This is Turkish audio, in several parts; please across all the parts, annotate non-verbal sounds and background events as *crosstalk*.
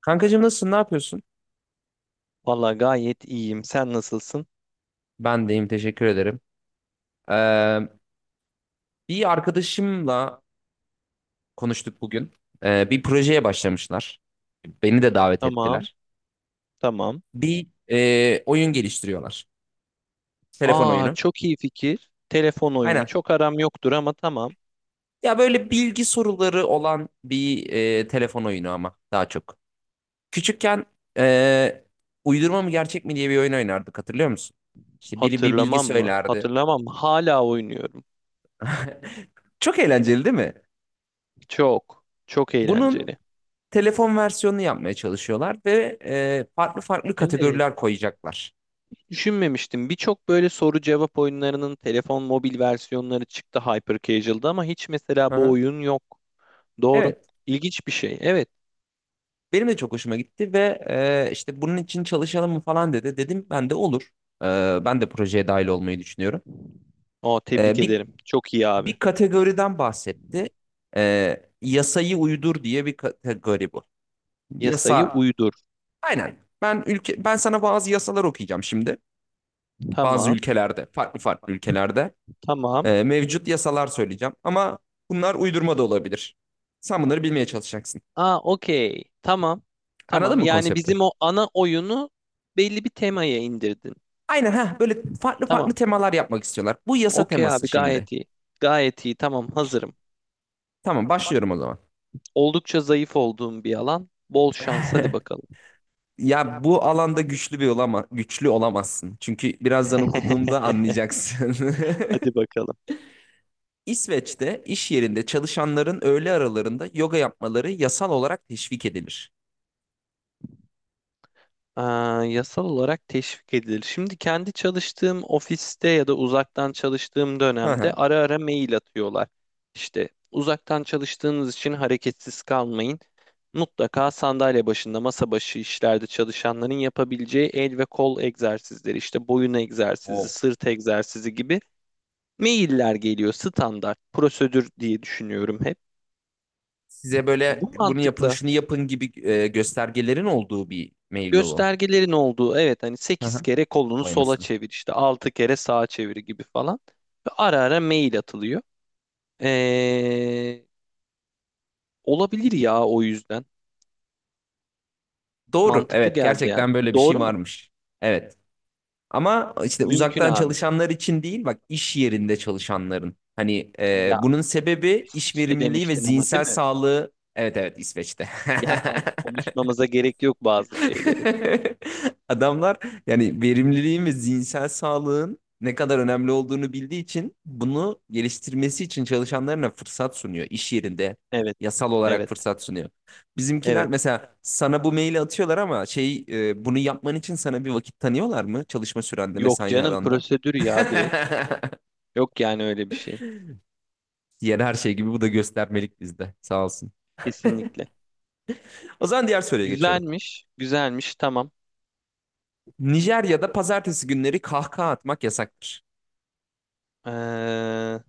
Kankacığım nasılsın? Ne yapıyorsun? Valla gayet iyiyim. Sen nasılsın? Ben deyim. Teşekkür ederim. Ee, Bir arkadaşımla konuştuk bugün. Bir projeye başlamışlar. Beni de davet Tamam, ettiler. tamam. Bir oyun geliştiriyorlar. Telefon Aa, oyunu. çok iyi fikir. Telefon oyunu. Aynen. Çok aram yoktur ama tamam. Ya böyle bilgi soruları olan bir telefon oyunu ama daha çok. Küçükken e, uydurma mı gerçek mi diye bir oyun oynardık, hatırlıyor musun? İşte biri bir bilgi Hatırlamam mı? söylerdi. Hatırlamam mı? Hala oynuyorum. *laughs* Çok eğlenceli değil mi? Çok, çok Bunun eğlenceli. telefon versiyonunu yapmaya çalışıyorlar ve farklı farklı Evet. kategoriler koyacaklar. Düşünmemiştim. Birçok böyle soru cevap oyunlarının telefon mobil versiyonları çıktı Hyper Casual'da ama hiç Hı mesela bu hı. oyun yok. Doğru. Evet. İlginç bir şey. Evet. Benim de çok hoşuma gitti ve işte bunun için çalışalım mı falan dedi. Dedim ben de olur. E, Ben de projeye dahil olmayı düşünüyorum. Aa, tebrik E, bir ederim. Çok iyi abi. bir kategoriden bahsetti. Yasayı uydur diye bir kategori bu. Yasayı Yasa. uydur. Aynen. Ben sana bazı yasalar okuyacağım şimdi. Bazı Tamam, ülkelerde, farklı farklı ülkelerde tamam. Mevcut yasalar söyleyeceğim. Ama bunlar uydurma da olabilir. Sen bunları bilmeye çalışacaksın. Aa, okey. Tamam. Anladın Tamam. mı Yani konsepti? bizim o ana oyunu belli bir temaya indirdin. Aynen, ha böyle farklı farklı Tamam. temalar yapmak istiyorlar. Bu yasa Okey teması abi şimdi. gayet iyi. Gayet iyi. Tamam hazırım. Tamam, başlıyorum o zaman. Oldukça zayıf olduğum bir alan. Bol şans. Hadi *laughs* bakalım. Ya bu alanda güçlü olamazsın. Çünkü birazdan *laughs* okuduğumda anlayacaksın. *laughs* Hadi bakalım. İsveç'te iş yerinde çalışanların öğle aralarında yoga yapmaları yasal olarak teşvik edilir. Aa, yasal olarak teşvik edilir. Şimdi kendi çalıştığım ofiste ya da uzaktan çalıştığım dönemde Hı ara ara mail atıyorlar. İşte uzaktan çalıştığınız için hareketsiz kalmayın. Mutlaka sandalye başında, masa başı işlerde çalışanların yapabileceği el ve kol egzersizleri, işte boyun egzersizi, hı. sırt egzersizi gibi mailler geliyor standart prosedür diye düşünüyorum hep. Size böyle Bu bunu yapın, mantıkla şunu yapın gibi göstergelerin olduğu bir mail mi bu? göstergelerin olduğu evet hani Hı sekiz hı. kere kolunu Vay sola anasını. çevir işte 6 kere sağa çevir gibi falan. Ve ara ara mail atılıyor. Ee, olabilir ya o yüzden. Doğru. Mantıklı Evet, geldi yani. gerçekten böyle bir şey Doğru mu? varmış. Evet. Ama işte Mümkün uzaktan abi. çalışanlar için değil, bak iş yerinde çalışanların. Hani Ya bunun sebebi iş seçili verimliliği ve demiştin ama değil zihinsel mi? sağlığı. Evet, evet, İsveç'te. Ya *laughs* konuşmamıza gerek yok bazı şeyleri. *laughs* Adamlar yani verimliliğin ve zihinsel sağlığın ne kadar önemli olduğunu bildiği için bunu geliştirmesi için çalışanlarına fırsat sunuyor iş yerinde. Evet, Yasal olarak evet, fırsat sunuyor. Bizimkiler evet. mesela sana bu maili atıyorlar ama bunu yapman için sana bir vakit tanıyorlar mı? Çalışma sürende, Yok mesai canım aranda. prosedür ya *laughs* direkt. Yok yani öyle bir şey. Diğer her şey gibi bu da göstermelik bizde. Sağ olsun. Kesinlikle. O zaman diğer soruya geçiyorum. Güzelmiş, güzelmiş. Tamam. Nijerya'da pazartesi günleri kahkaha atmak yasaktır. Ee,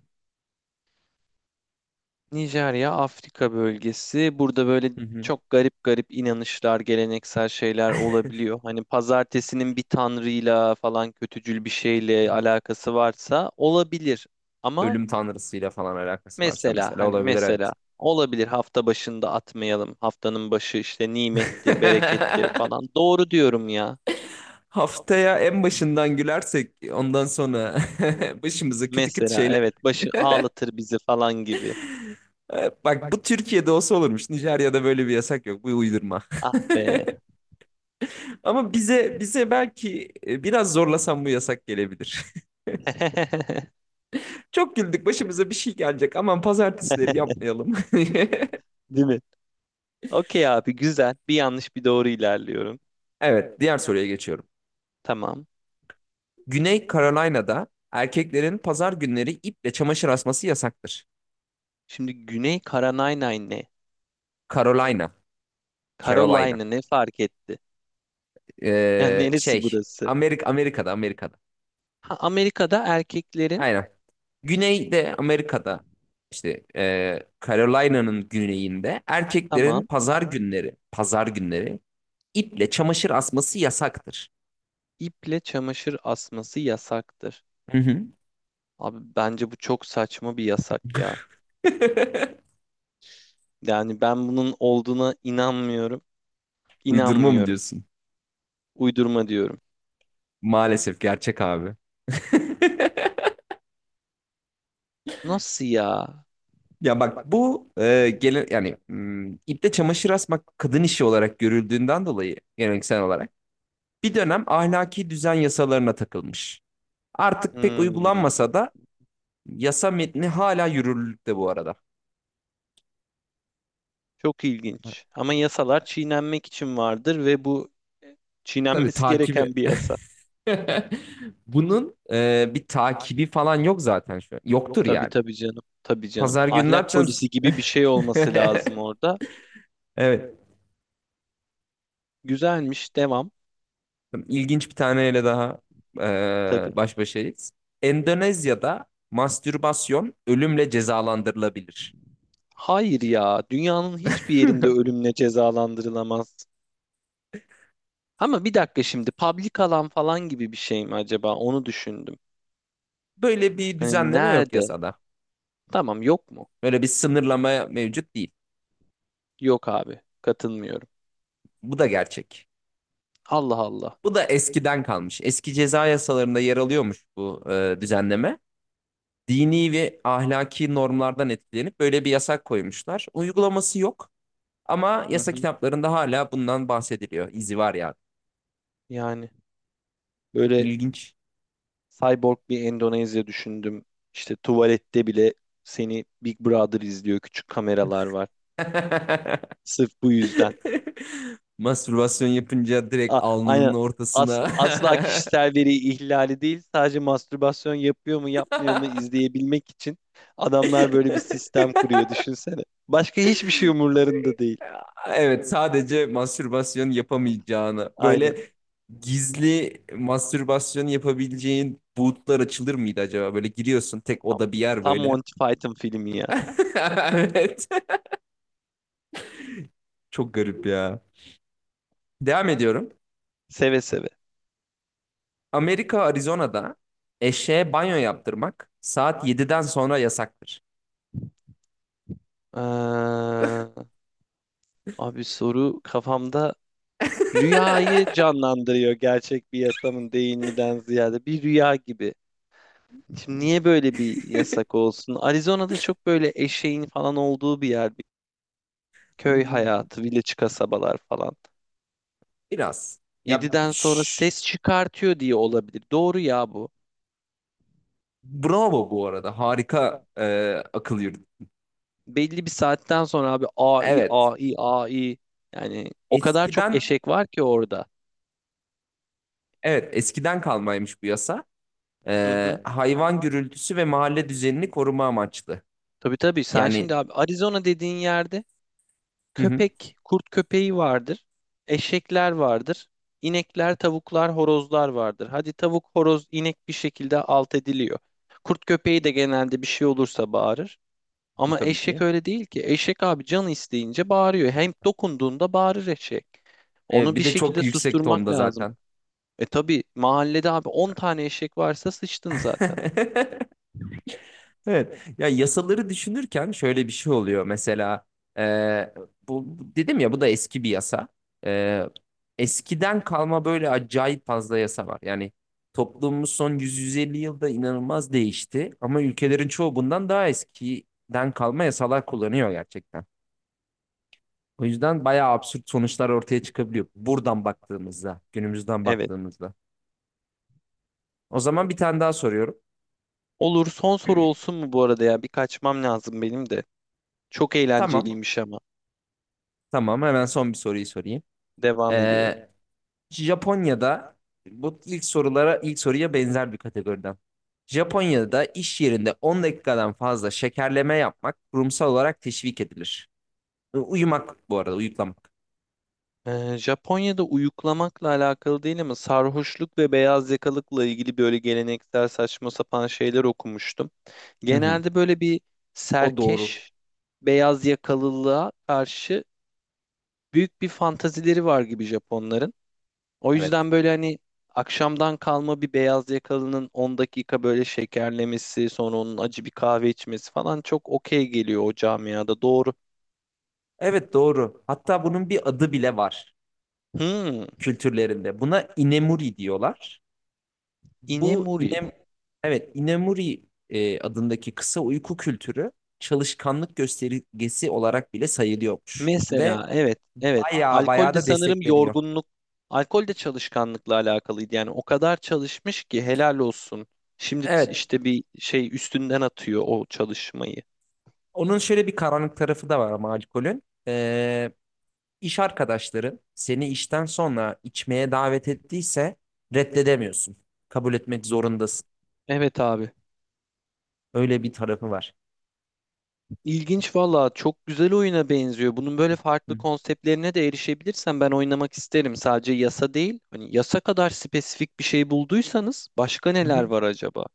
Nijerya, Afrika bölgesi. Burada böyle Hı hı. çok garip garip inanışlar, geleneksel şeyler olabiliyor. Hani pazartesinin bir tanrıyla falan kötücül bir şeyle alakası varsa olabilir. Ama Ölüm tanrısıyla falan alakası varsa mesela mesela hani olabilir, evet. mesela olabilir hafta başında atmayalım. Haftanın başı işte nimettir, berekettir falan. *laughs* Doğru diyorum ya. Haftaya en başından gülersek ondan sonra *laughs* başımıza kötü kötü Mesela şeyler. evet başı ağlatır bizi falan gibi. Bak, bu Türkiye'de olsa olurmuş. Nijerya'da böyle bir yasak yok. Bu uydurma. Ah be. *laughs* Ama bize belki biraz zorlasam bu yasak gelebilir. *laughs* *laughs* Çok güldük. Başımıza bir şey gelecek. Aman pazartesileri yapmayalım. *laughs* Değil mi? Okey abi güzel. Bir yanlış bir doğru ilerliyorum. Evet, diğer soruya geçiyorum. Tamam. Güney Carolina'da erkeklerin pazar günleri iple çamaşır asması yasaktır. Şimdi Güney Carolina ne? Carolina, Carolina. Carolina ne fark etti? Yani Ee, neresi şey burası? Amerika'da. Ha, Amerika'da erkeklerin Aynen. Güneyde Amerika'da işte Carolina'nın güneyinde erkeklerin tamam pazar günleri iple çamaşır asması yasaktır. iple çamaşır asması yasaktır. Hı hı. Abi bence bu çok saçma bir yasak ya. *laughs* Yani ben bunun olduğuna inanmıyorum. Uydurma mı İnanmıyorum. diyorsun? Uydurma diyorum. Maalesef gerçek abi. *laughs* Nasıl ya? Ya bak bu yani iple çamaşır asmak kadın işi olarak görüldüğünden dolayı geleneksel olarak bir dönem ahlaki düzen yasalarına takılmış. Artık pek Hmm, uygulanmasa da yasa metni hala yürürlükte bu arada. çok ilginç. Ama yasalar çiğnenmek için vardır ve bu e, Tabii çiğnenmesi gereken takibi. bir yasa. *laughs* Bunun bir takibi falan yok zaten şu an. Yoktur Tabii yani. tabii canım. Tabii canım. Pazar günü ne Ahlak yapacağız? polisi gibi bir şey olması lazım *laughs* orada. Evet. Güzelmiş. Devam. İlginç bir taneyle daha Tabii. e, baş başayız. Endonezya'da mastürbasyon ölümle cezalandırılabilir. Hayır ya. Dünyanın hiçbir *laughs* yerinde ölümle cezalandırılamaz. Ama bir dakika şimdi public alan falan gibi bir şey mi acaba? Onu düşündüm. Böyle bir Hani düzenleme yok nerede? yasada. Tamam yok mu? Böyle bir sınırlama mevcut değil. Yok abi. Katılmıyorum. Bu da gerçek. Allah Allah. Bu da eskiden kalmış. Eski ceza yasalarında yer alıyormuş bu düzenleme. Dini ve ahlaki normlardan etkilenip böyle bir yasak koymuşlar. Uygulaması yok ama Hı yasa hı. kitaplarında hala bundan bahsediliyor. İzi var ya. Yani böyle İlginç. cyborg bir Endonezya düşündüm. İşte tuvalette bile seni Big Brother izliyor. Küçük kameralar var. *laughs* Sırf bu yüzden. Mastürbasyon yapınca direkt alnının Aynen. Asla, ortasına. asla kişisel veri ihlali değil. Sadece mastürbasyon yapıyor mu yapmıyor mu izleyebilmek için adamlar böyle bir sistem kuruyor *laughs* düşünsene. Başka hiçbir şey umurlarında değil. Evet, sadece mastürbasyon yapamayacağını Aynen. böyle gizli mastürbasyon yapabileceğin bootlar açılır mıydı acaba? Böyle giriyorsun, tek oda bir yer Tam böyle. Monty Python filmi ya. *laughs* Evet. Çok garip ya. Devam ediyorum. Seve seve. Amerika Arizona'da eşeğe banyo yaptırmak saat 7'den sonra yasaktır. Ee, abi soru kafamda rüyayı canlandırıyor gerçek bir yasamın değil miden ziyade. Bir rüya gibi. Şimdi niye böyle bir *laughs* yasak olsun? Arizona'da çok böyle eşeğin falan olduğu bir yer. Köy hayatı, village kasabalar falan. Biraz. Ya Yediden sonra şş, ses çıkartıyor diye olabilir. Doğru ya bu. Bravo bu arada. Harika akıl yürüdü. Belli bir saatten sonra abi AI, Evet. AI, AI. Yani o kadar çok Eskiden, eşek var ki orada. evet eskiden kalmaymış bu yasa. Hı hı. Hayvan gürültüsü ve mahalle düzenini koruma amaçlı. Tabii tabii sen şimdi Yani abi Arizona dediğin yerde hı hı, köpek, kurt köpeği vardır. Eşekler vardır. İnekler, tavuklar, horozlar vardır. Hadi tavuk, horoz, inek bir şekilde alt ediliyor. Kurt köpeği de genelde bir şey olursa bağırır. Ama tabii eşek ki. öyle değil ki. Eşek abi canı isteyince bağırıyor. Hem dokunduğunda bağırır eşek. Evet, Onu bir bir de çok şekilde yüksek susturmak tonda lazım. zaten. E tabii mahallede abi 10 tane eşek varsa sıçtın zaten. *laughs* Evet. Ya yasaları düşünürken şöyle bir şey oluyor. Mesela e, dedim ya bu da eski bir yasa. E, Eskiden kalma böyle acayip fazla yasa var. Yani toplumumuz son 100-150 yılda inanılmaz değişti. Ama ülkelerin çoğu bundan daha eskiden kalma yasalar kullanıyor gerçekten. O yüzden bayağı absürt sonuçlar ortaya çıkabiliyor. Buradan baktığımızda, günümüzden Evet. baktığımızda. O zaman bir tane daha soruyorum. Olur son soru olsun mu bu arada ya? Bir kaçmam lazım benim de. Çok Tamam, eğlenceliymiş ama. tamam. Hemen son bir soruyu sorayım. Devam ediyorum. Japonya'da bu ilk sorulara ilk soruya benzer bir kategoriden. Japonya'da iş yerinde 10 dakikadan fazla şekerleme yapmak kurumsal olarak teşvik edilir. Uyumak, bu arada uyuklamak. Japonya'da uyuklamakla alakalı değil ama sarhoşluk ve beyaz yakalıkla ilgili böyle geleneksel saçma sapan şeyler okumuştum. Hı hı. Genelde böyle bir O doğru. serkeş beyaz yakalılığa karşı büyük bir fantazileri var gibi Japonların. O Evet. yüzden böyle hani akşamdan kalma bir beyaz yakalının 10 dakika böyle şekerlemesi, sonra onun acı bir kahve içmesi falan çok okey geliyor o camiada. Doğru. Evet, doğru. Hatta bunun bir adı bile var Hmm, kültürlerinde. Buna inemuri diyorlar. Bu inemuri. inem Evet, inemuri adındaki kısa uyku kültürü çalışkanlık göstergesi olarak bile sayılıyormuş ve Mesela evet, evet. bayağı Alkol bayağı de da sanırım destekleniyor. yorgunluk, alkol de çalışkanlıkla alakalıydı. Yani o kadar çalışmış ki helal olsun. Şimdi Evet. işte bir şey üstünden atıyor o çalışmayı. Onun şöyle bir karanlık tarafı da var ama alkolün. İş arkadaşların seni işten sonra içmeye davet ettiyse reddedemiyorsun. Kabul etmek zorundasın. Evet abi. Öyle bir tarafı var. İlginç valla çok güzel oyuna benziyor. Bunun böyle farklı Hı konseptlerine de erişebilirsem ben oynamak isterim. Sadece yasa değil. Hani yasa kadar spesifik bir şey bulduysanız başka hı. neler Hı. var acaba?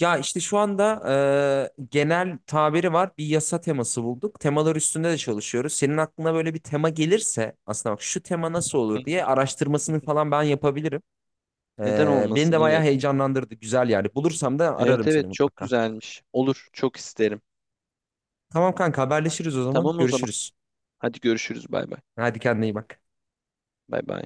Ya işte şu anda genel tabiri var. Bir yasa teması bulduk. Temalar üstünde de çalışıyoruz. Senin aklına böyle bir tema gelirse aslında bak şu tema nasıl *laughs* Hı hı, olur diye hı araştırmasını hı. falan ben yapabilirim. Neden Beni olmasın? de bayağı Evet. heyecanlandırdı. Güzel yani. Bulursam da Evet ararım seni evet çok mutlaka. güzelmiş. Olur çok isterim. Tamam, kanka haberleşiriz o zaman. Tamam o zaman. Görüşürüz. Hadi görüşürüz bay bay. Hadi kendine iyi bak. Bay bay.